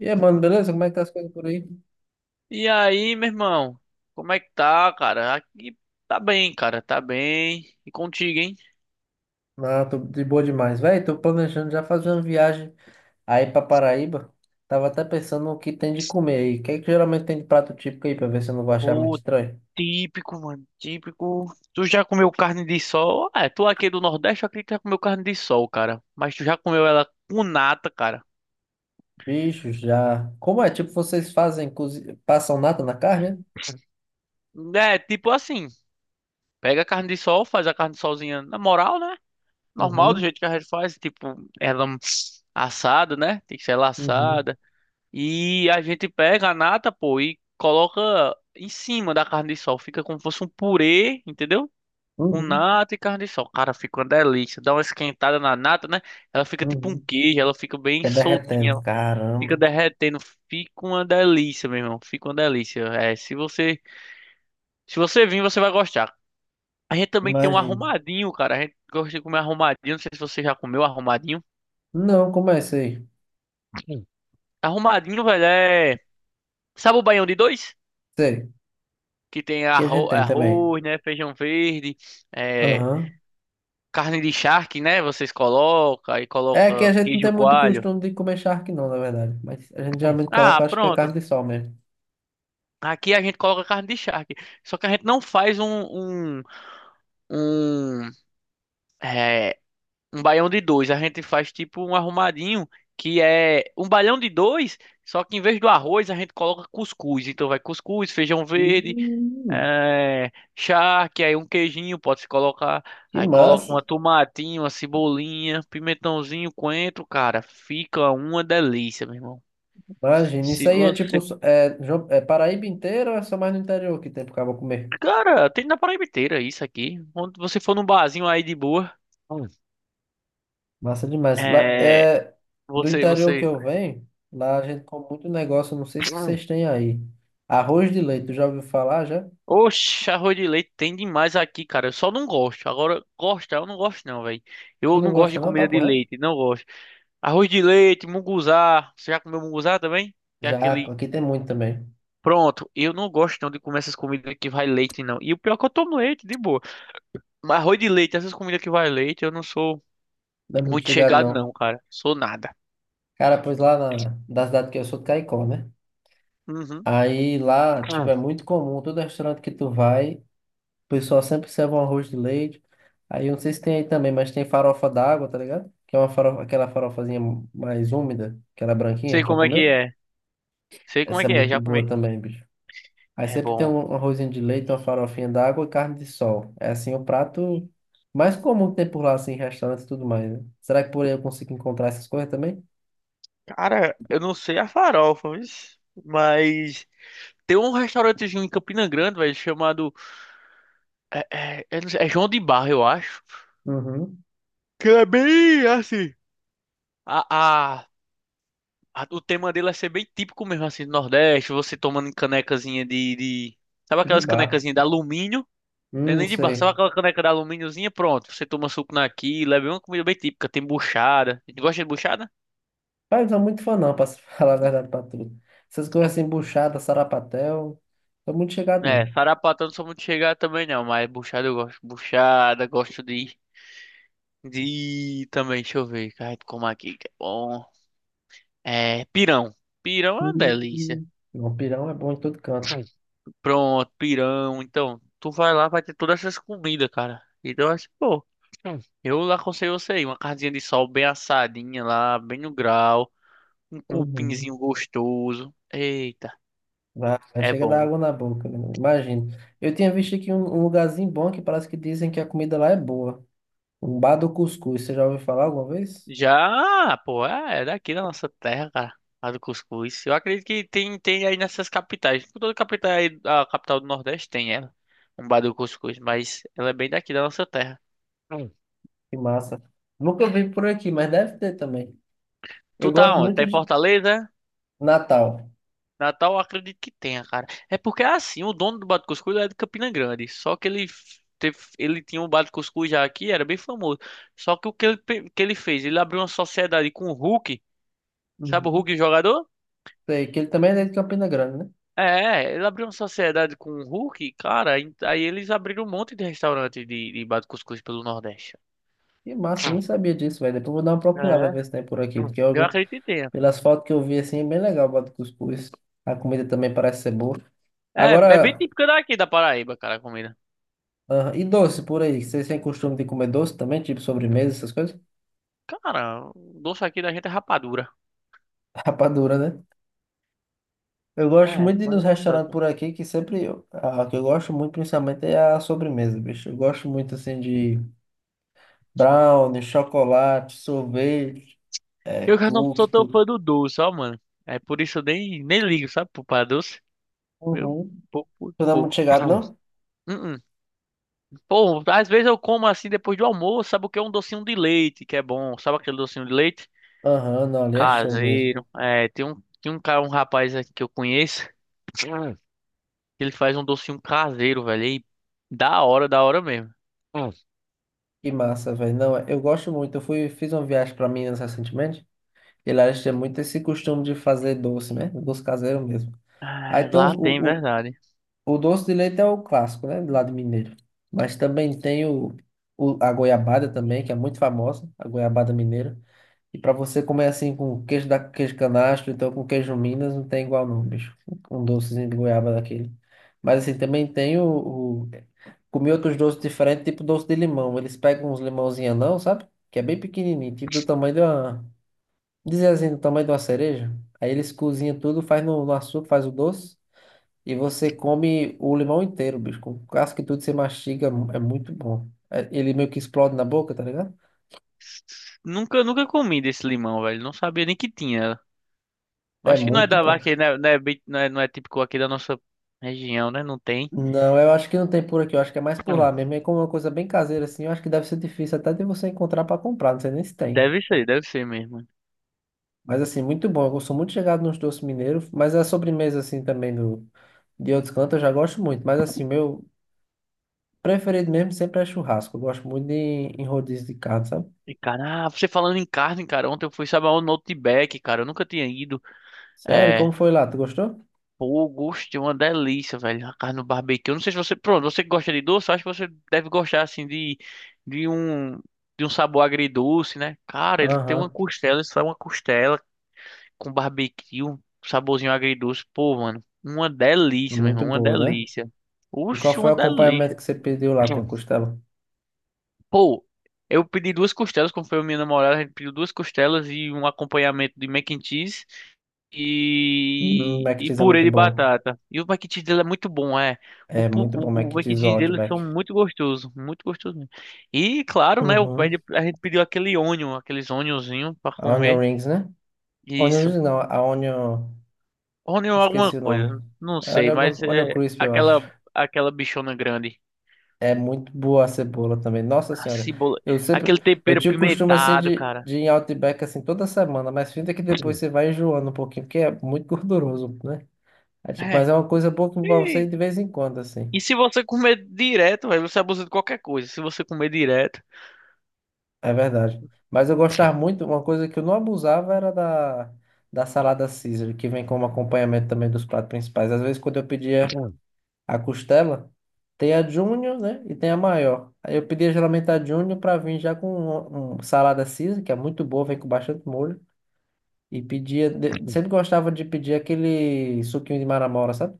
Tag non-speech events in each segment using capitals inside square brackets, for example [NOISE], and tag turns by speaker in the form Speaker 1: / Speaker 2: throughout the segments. Speaker 1: E aí, mano, beleza? Como é que tá as coisas por aí?
Speaker 2: E aí, meu irmão? Como é que tá, cara? Aqui tá bem, cara, tá bem. E contigo, hein?
Speaker 1: Ah, tô de boa demais. Véi, tô planejando já fazer uma viagem aí pra Paraíba. Tava até pensando no que tem de comer aí. O que é que geralmente tem de prato típico aí, pra ver se eu não vou achar muito
Speaker 2: Pô,
Speaker 1: estranho?
Speaker 2: típico, mano, típico. Tu já comeu carne de sol? Ah, é, tu aqui do Nordeste, eu acredito que já comeu carne de sol, cara. Mas tu já comeu ela com nata, cara.
Speaker 1: Bicho, já. Como é? Tipo, vocês fazem, passam nada na carne? Né?
Speaker 2: É, tipo assim, pega a carne de sol, faz a carne de solzinha na moral, né? Normal, do
Speaker 1: Uhum,
Speaker 2: jeito que a gente faz, tipo, ela assada, né? Tem que ser ela
Speaker 1: uhum,
Speaker 2: assada. E a gente pega a nata, pô, e coloca em cima da carne de sol. Fica como se fosse um purê, entendeu? Com
Speaker 1: uhum,
Speaker 2: nata e carne de sol. Cara, fica uma delícia. Dá uma esquentada na nata, né? Ela fica tipo um
Speaker 1: uhum.
Speaker 2: queijo, ela fica bem
Speaker 1: Fica
Speaker 2: soltinha,
Speaker 1: derretendo.
Speaker 2: fica
Speaker 1: Caramba,
Speaker 2: derretendo. Fica uma delícia, meu irmão. Fica uma delícia. É, se você, se você vir, você vai gostar. A gente também tem um
Speaker 1: imagina.
Speaker 2: arrumadinho, cara. A gente gosta de comer arrumadinho. Não sei se você já comeu arrumadinho.
Speaker 1: Não, como é isso aí?
Speaker 2: Sim. Arrumadinho, velho, é. Sabe o baião de dois?
Speaker 1: Sei,
Speaker 2: Que tem
Speaker 1: que a gente tem também.
Speaker 2: arroz, né, feijão verde, é,
Speaker 1: Aham.
Speaker 2: carne de charque, né, vocês colocam, aí
Speaker 1: É que a
Speaker 2: coloca
Speaker 1: gente não
Speaker 2: queijo
Speaker 1: tem muito
Speaker 2: coalho.
Speaker 1: costume de comer charque, não, na verdade. Mas a gente geralmente coloca,
Speaker 2: Ah,
Speaker 1: acho que é carne
Speaker 2: pronto.
Speaker 1: de sol mesmo.
Speaker 2: Aqui a gente coloca carne de charque. Só que a gente não faz um, é, um baião de dois. A gente faz tipo um arrumadinho, que é um baião de dois, só que em vez do arroz a gente coloca cuscuz. Então vai cuscuz, feijão verde,
Speaker 1: Hum.
Speaker 2: é, charque, aí um queijinho pode se colocar.
Speaker 1: Que
Speaker 2: Aí coloca
Speaker 1: massa!
Speaker 2: uma tomatinho, uma cebolinha, pimentãozinho, coentro, cara. Fica uma delícia, meu irmão.
Speaker 1: Imagina, isso
Speaker 2: Se
Speaker 1: aí é tipo,
Speaker 2: você.
Speaker 1: é, é Paraíba inteira ou é só mais no interior que tem pro cabo comer?
Speaker 2: Cara, tem na Paraíba inteira isso aqui. Quando você for num barzinho aí de boa, hum.
Speaker 1: Massa demais. Lá,
Speaker 2: É.
Speaker 1: é, do
Speaker 2: Você,
Speaker 1: interior que
Speaker 2: você.
Speaker 1: eu venho, lá a gente come muito negócio, não sei se
Speaker 2: Hum.
Speaker 1: vocês têm aí. Arroz de leite, tu já ouviu falar já?
Speaker 2: Oxe, arroz de leite tem demais aqui, cara. Eu só não gosto. Agora, gostar, eu não gosto, não, velho.
Speaker 1: Tu
Speaker 2: Eu
Speaker 1: não
Speaker 2: não gosto
Speaker 1: gosta
Speaker 2: de
Speaker 1: não,
Speaker 2: comida
Speaker 1: papo
Speaker 2: de
Speaker 1: reto?
Speaker 2: leite, não gosto. Arroz de leite, munguzá. Você já comeu munguzá também? Que é
Speaker 1: Já,
Speaker 2: aquele.
Speaker 1: aqui tem muito também.
Speaker 2: Pronto, eu não gosto não de comer essas comidas que vai leite, não. E o pior é que eu tomo leite, de boa. Mas arroz de leite, essas comidas que vai leite, eu não sou
Speaker 1: Não é muito
Speaker 2: muito
Speaker 1: chegado
Speaker 2: chegado,
Speaker 1: não.
Speaker 2: não, cara. Sou nada.
Speaker 1: Cara, pois da cidade que eu sou de Caicó, né?
Speaker 2: Uhum.
Speaker 1: Aí lá, tipo,
Speaker 2: Hum.
Speaker 1: é muito comum, todo restaurante que tu vai, o pessoal sempre serve um arroz de leite. Aí eu não sei se tem aí também, mas tem farofa d'água, tá ligado? Que é uma farofa, aquela farofazinha mais úmida, aquela branquinha,
Speaker 2: Sei
Speaker 1: já
Speaker 2: como é que
Speaker 1: comeu?
Speaker 2: é. Sei como é
Speaker 1: Essa é
Speaker 2: que é,
Speaker 1: muito
Speaker 2: já comi.
Speaker 1: boa também, bicho. Aí
Speaker 2: É
Speaker 1: sempre tem
Speaker 2: bom.
Speaker 1: um arrozinho de leite, uma farofinha d'água e carne de sol. É assim o prato mais comum que tem por lá, assim, em restaurantes e tudo mais, né? Será que por aí eu consigo encontrar essas coisas também?
Speaker 2: Cara, eu não sei a farofa, mas tem um restaurantezinho em Campina Grande, velho, chamado. Eu não sei, é João de Barro, eu acho.
Speaker 1: Uhum.
Speaker 2: Que é bem assim. A, o tema dele é ser bem típico mesmo, assim, do Nordeste, você tomando canecazinha de... Sabe
Speaker 1: De
Speaker 2: aquelas
Speaker 1: bar.
Speaker 2: canecazinhas de alumínio? Não é nem de barro, sabe
Speaker 1: Sei.
Speaker 2: aquela caneca de alumíniozinha? Pronto, você toma suco naquilo, é bem uma comida bem típica, tem buchada. Tu gosta de buchada?
Speaker 1: Pai, não sou muito fã não, pra se [LAUGHS] falar a verdade pra tu. Essas coisas
Speaker 2: Hum.
Speaker 1: assim, buchada, sarapatel, tô muito chegado
Speaker 2: É,
Speaker 1: não.
Speaker 2: sarapatel não sou muito chegar também não, mas buchada eu gosto. Buchada, gosto de... De... também, deixa eu ver, cara, como aqui, que é bom. É, pirão. Pirão é uma delícia.
Speaker 1: Hum. Não, pirão é bom em todo canto.
Speaker 2: Pronto, pirão. Então, tu vai lá, vai ter todas essas comidas, cara. Então, acho que, pô, eu lá aconselho você aí, uma carninha de sol bem assadinha lá, bem no grau, um
Speaker 1: Uhum.
Speaker 2: cupinzinho gostoso. Eita,
Speaker 1: Vai, vai,
Speaker 2: é
Speaker 1: chega da
Speaker 2: bom. Hein?
Speaker 1: água na boca, menino. Imagina. Eu tinha visto aqui um lugarzinho bom que parece que dizem que a comida lá é boa. Um bar do cuscuz, você já ouviu falar alguma vez?
Speaker 2: Já, pô, é daqui da nossa terra, cara. A do cuscuz. Eu acredito que tem aí nessas capitais. Toda capital aí, a capital do Nordeste tem ela. Um bar do cuscuz, mas ela é bem daqui da nossa terra. Hum.
Speaker 1: Que massa. Nunca vi por aqui, mas deve ter também. Eu
Speaker 2: Tu tá
Speaker 1: gosto
Speaker 2: onde? Tá
Speaker 1: muito
Speaker 2: em
Speaker 1: de
Speaker 2: Fortaleza?
Speaker 1: Natal.
Speaker 2: Natal eu acredito que tenha, cara. É porque é assim, o dono do Bate Cuscuz é de Campina Grande. Só que ele teve, ele tinha um Bate Cuscuz já aqui, era bem famoso. Só que o que ele, que ele fez? Ele abriu uma sociedade com o Hulk. Sabe o
Speaker 1: Uhum.
Speaker 2: Hulk jogador?
Speaker 1: Sei, que ele também é de Campina Grande, né?
Speaker 2: É, ele abriu uma sociedade com o Hulk, cara. Aí eles abriram um monte de restaurante de Bate Cuscuz pelo Nordeste.
Speaker 1: Que massa, eu nem sabia disso, velho. Depois eu vou dar uma procurada,
Speaker 2: É.
Speaker 1: ver se tem por aqui.
Speaker 2: Eu acredito que tenha.
Speaker 1: Pelas fotos que eu vi, assim, é bem legal o bode cuscuz. A comida também parece ser boa.
Speaker 2: É, é bem
Speaker 1: Agora,
Speaker 2: típico daqui da Paraíba, cara, a comida.
Speaker 1: ah, e doce por aí? Vocês têm costume de comer doce também? Tipo sobremesa, essas coisas?
Speaker 2: Cara, o doce aqui da gente é rapadura.
Speaker 1: [LAUGHS] Rapadura, né? Eu gosto
Speaker 2: É,
Speaker 1: muito de ir
Speaker 2: mas
Speaker 1: nos
Speaker 2: não
Speaker 1: restaurantes
Speaker 2: tanto.
Speaker 1: por aqui, que sempre. A que eu gosto muito, principalmente, é a sobremesa, bicho. Eu gosto muito, assim, de brownie, chocolate, sorvete, é,
Speaker 2: Eu já não
Speaker 1: cookie,
Speaker 2: sou tão fã
Speaker 1: tudo.
Speaker 2: do doce, ó, mano. É por isso eu nem ligo, sabe, pra doce. Meu,
Speaker 1: Uhum.
Speaker 2: pouco,
Speaker 1: Tu não é muito
Speaker 2: pouco.
Speaker 1: chegado, não?
Speaker 2: Hum, hum. Pô, às vezes eu como assim depois do almoço, sabe o que é um docinho de leite, que é bom. Sabe aquele docinho de leite? Hum.
Speaker 1: Aham, não, ali é show mesmo.
Speaker 2: Caseiro. É, tem um cara, um rapaz aqui que eu conheço, que ele faz um docinho caseiro, velho. E da hora mesmo.
Speaker 1: Que massa, velho. Não, é, eu gosto muito. Fiz uma viagem pra Minas recentemente, e lá eles têm muito esse costume de fazer doce, né? Doce caseiro mesmo. Aí
Speaker 2: Ah,
Speaker 1: tem
Speaker 2: lá tem, verdade.
Speaker 1: o doce de leite é o clássico, né? Do lado mineiro. Mas também tem a goiabada também, que é muito famosa, a goiabada mineira. E para você comer assim com queijo canastro, então com queijo Minas, não tem igual não, bicho. Um docezinho de goiaba daquele. Mas assim, também tem comi outros doces diferentes, tipo doce de limão. Eles pegam uns limãozinhos anão, sabe? Que é bem pequenininho, tipo do tamanho de uma... Dizer assim, do tamanho de uma cereja. Aí eles cozinham tudo, faz no açúcar, faz o doce. E você come o limão inteiro, bicho. Com casca e tudo, você mastiga, é muito bom. Ele meio que explode na boca, tá ligado?
Speaker 2: Nunca comi desse limão, velho. Não sabia nem que tinha. Eu
Speaker 1: É
Speaker 2: acho que não é
Speaker 1: muito
Speaker 2: da
Speaker 1: bom.
Speaker 2: aqui, né? Não é, não é, não é típico aqui da nossa região, né? Não tem.
Speaker 1: Não, eu acho que não tem por aqui, eu acho que é mais por lá
Speaker 2: Não.
Speaker 1: mesmo. É como uma coisa bem caseira, assim, eu acho que deve ser difícil até de você encontrar pra comprar, não sei nem se tem.
Speaker 2: Deve ser mesmo.
Speaker 1: Mas assim, muito bom. Eu sou muito chegado nos doces mineiros, mas a sobremesa, assim, também do, de outros cantos eu já gosto muito. Mas assim, meu preferido mesmo sempre é churrasco. Eu gosto muito de, em rodízio de carne, sabe?
Speaker 2: E, cara, ah, você falando em carne, cara, ontem eu fui, sabe, aonde? No Outback, cara, eu nunca tinha ido.
Speaker 1: Sério,
Speaker 2: É,
Speaker 1: como foi lá? Tu gostou?
Speaker 2: pô, gostei, uma delícia, velho, a carne no barbecue. Eu não sei se você, pronto, você que gosta de doce, eu acho que você deve gostar, assim, de, de um, de um sabor agridoce, né? Cara, ele tem uma
Speaker 1: Aham.
Speaker 2: costela, isso é uma costela, com barbecue, um saborzinho agridoce. Pô, mano, uma delícia, meu
Speaker 1: Muito
Speaker 2: irmão, uma
Speaker 1: boa, né?
Speaker 2: delícia.
Speaker 1: E qual
Speaker 2: Oxe,
Speaker 1: foi
Speaker 2: uma
Speaker 1: o acompanhamento
Speaker 2: delícia.
Speaker 1: que você pediu lá com a
Speaker 2: [CLEARS THROAT]
Speaker 1: costela?
Speaker 2: Pô, eu pedi duas costelas, como foi a minha namorada, a gente pediu duas costelas e um acompanhamento de mac and cheese e,
Speaker 1: Mac
Speaker 2: e
Speaker 1: Cheese é
Speaker 2: purê
Speaker 1: muito
Speaker 2: de
Speaker 1: bom.
Speaker 2: batata. E o mac and cheese dele é muito bom, é.
Speaker 1: É muito bom Mac
Speaker 2: O
Speaker 1: and
Speaker 2: mac and
Speaker 1: Cheese do
Speaker 2: cheese deles são
Speaker 1: Outback.
Speaker 2: muito gostosos mesmo. E claro, né, a
Speaker 1: Uhum.
Speaker 2: gente pediu aquele onion, aqueles onionzinho pra
Speaker 1: A Onion
Speaker 2: comer.
Speaker 1: Rings, né? Onion
Speaker 2: Isso.
Speaker 1: Rings não, a Onion...
Speaker 2: Rony ou alguma
Speaker 1: Esqueci o nome.
Speaker 2: coisa, não
Speaker 1: É
Speaker 2: sei,
Speaker 1: Onion,
Speaker 2: mas
Speaker 1: Onion
Speaker 2: é
Speaker 1: Crisp, eu acho.
Speaker 2: aquela aquela bichona grande,
Speaker 1: É muito boa a cebola também. Nossa
Speaker 2: a
Speaker 1: Senhora.
Speaker 2: cebola,
Speaker 1: Eu sempre...
Speaker 2: aquele
Speaker 1: Eu
Speaker 2: tempero
Speaker 1: tinha o costume, assim,
Speaker 2: pimentado, cara.
Speaker 1: de ir em Outback, assim, toda semana. Mas finta que depois
Speaker 2: Sim.
Speaker 1: você vai enjoando um pouquinho, porque é muito gorduroso, né? É, tipo, mas
Speaker 2: É.
Speaker 1: é uma coisa boa que pra você ir
Speaker 2: E,
Speaker 1: de vez em quando, assim.
Speaker 2: e se você comer direto, velho, você abusa de qualquer coisa. Se você comer direto.
Speaker 1: É verdade. Mas eu gostava muito, uma coisa que eu não abusava era da salada Caesar, que vem como acompanhamento também dos pratos principais. Às vezes, quando eu pedia a costela, tem a Júnior, né? E tem a maior. Aí eu pedia geralmente a Júnior para vir já com um salada Caesar, que é muito boa, vem com bastante molho. E pedia, sempre gostava de pedir aquele suquinho de maramora, sabe?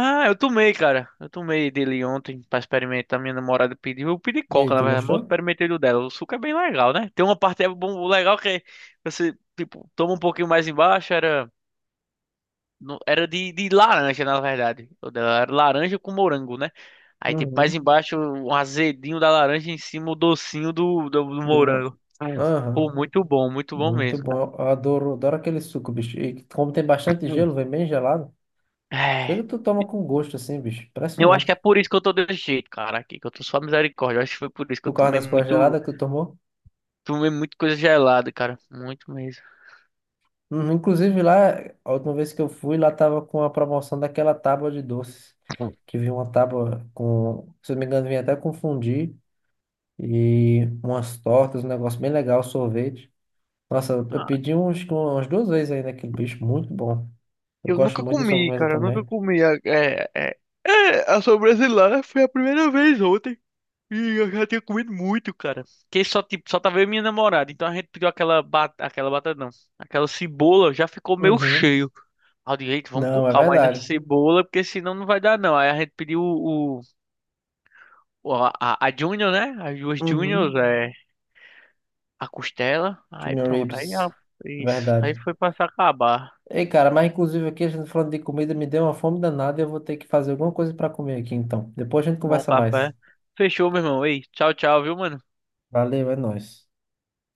Speaker 2: Ah, eu tomei, cara. Eu tomei dele ontem pra experimentar. Minha namorada pediu. Eu pedi
Speaker 1: E
Speaker 2: coca,
Speaker 1: aí,
Speaker 2: na
Speaker 1: tu
Speaker 2: verdade, mas eu
Speaker 1: gostou?
Speaker 2: experimentei do dela. O suco é bem legal, né? Tem uma parte é bom, legal que você, tipo, toma um pouquinho mais embaixo. Era, era de laranja, na verdade. O dela era laranja com morango, né? Aí, tipo, mais
Speaker 1: Uhum.
Speaker 2: embaixo, o azedinho da laranja, em cima, o docinho do
Speaker 1: Do molho.
Speaker 2: morango. Hum. Pô, muito bom
Speaker 1: Muito
Speaker 2: mesmo, cara.
Speaker 1: bom. Eu adoro, adoro aquele suco, bicho. E como tem bastante
Speaker 2: Hum.
Speaker 1: gelo, vem bem gelado. Chega,
Speaker 2: É,
Speaker 1: tu toma com gosto, assim, bicho.
Speaker 2: eu acho que é
Speaker 1: Impressionante.
Speaker 2: por isso que eu tô desse jeito, cara, aqui, que eu tô só misericórdia. Eu acho que foi por isso que
Speaker 1: Por
Speaker 2: eu
Speaker 1: causa das coisas geladas que tu tomou.
Speaker 2: tomei muito coisa gelada, cara. Muito mesmo.
Speaker 1: Uhum. Inclusive, lá, a última vez que eu fui, lá tava com a promoção daquela tábua de doces. Que vinha uma tábua com, se eu não me engano, vinha até confundir. E umas tortas, um negócio bem legal, sorvete. Nossa, eu
Speaker 2: Ah,
Speaker 1: pedi uns, umas duas vezes aí naquele bicho. Muito bom. Eu
Speaker 2: eu
Speaker 1: gosto
Speaker 2: nunca
Speaker 1: muito de
Speaker 2: comi,
Speaker 1: sobremesa
Speaker 2: cara. Eu nunca
Speaker 1: também.
Speaker 2: comi. A sobremesa lá foi a primeira vez ontem. Ih, eu já tinha comido muito, cara. Que só, tipo, só tava eu e minha namorada. Então a gente pediu aquela batata não. Aquela cebola já ficou meio
Speaker 1: Uhum.
Speaker 2: cheio. Ao direito vamos com
Speaker 1: Não, é
Speaker 2: calma aí nessa
Speaker 1: verdade.
Speaker 2: cebola, porque senão não vai dar não. Aí a gente pediu a Junior, né? As duas Juniors,
Speaker 1: Uhum.
Speaker 2: é, a costela. Aí
Speaker 1: Junior
Speaker 2: pronto,
Speaker 1: Ribs, é
Speaker 2: isso. Aí
Speaker 1: verdade.
Speaker 2: foi pra se acabar.
Speaker 1: Ei, cara, mas inclusive aqui a gente falando de comida me deu uma fome danada e eu vou ter que fazer alguma coisa pra comer aqui então. Depois a gente
Speaker 2: Tomar um
Speaker 1: conversa mais.
Speaker 2: café. Fechou, meu irmão. Ei, tchau, tchau, viu, mano?
Speaker 1: Valeu, é nóis.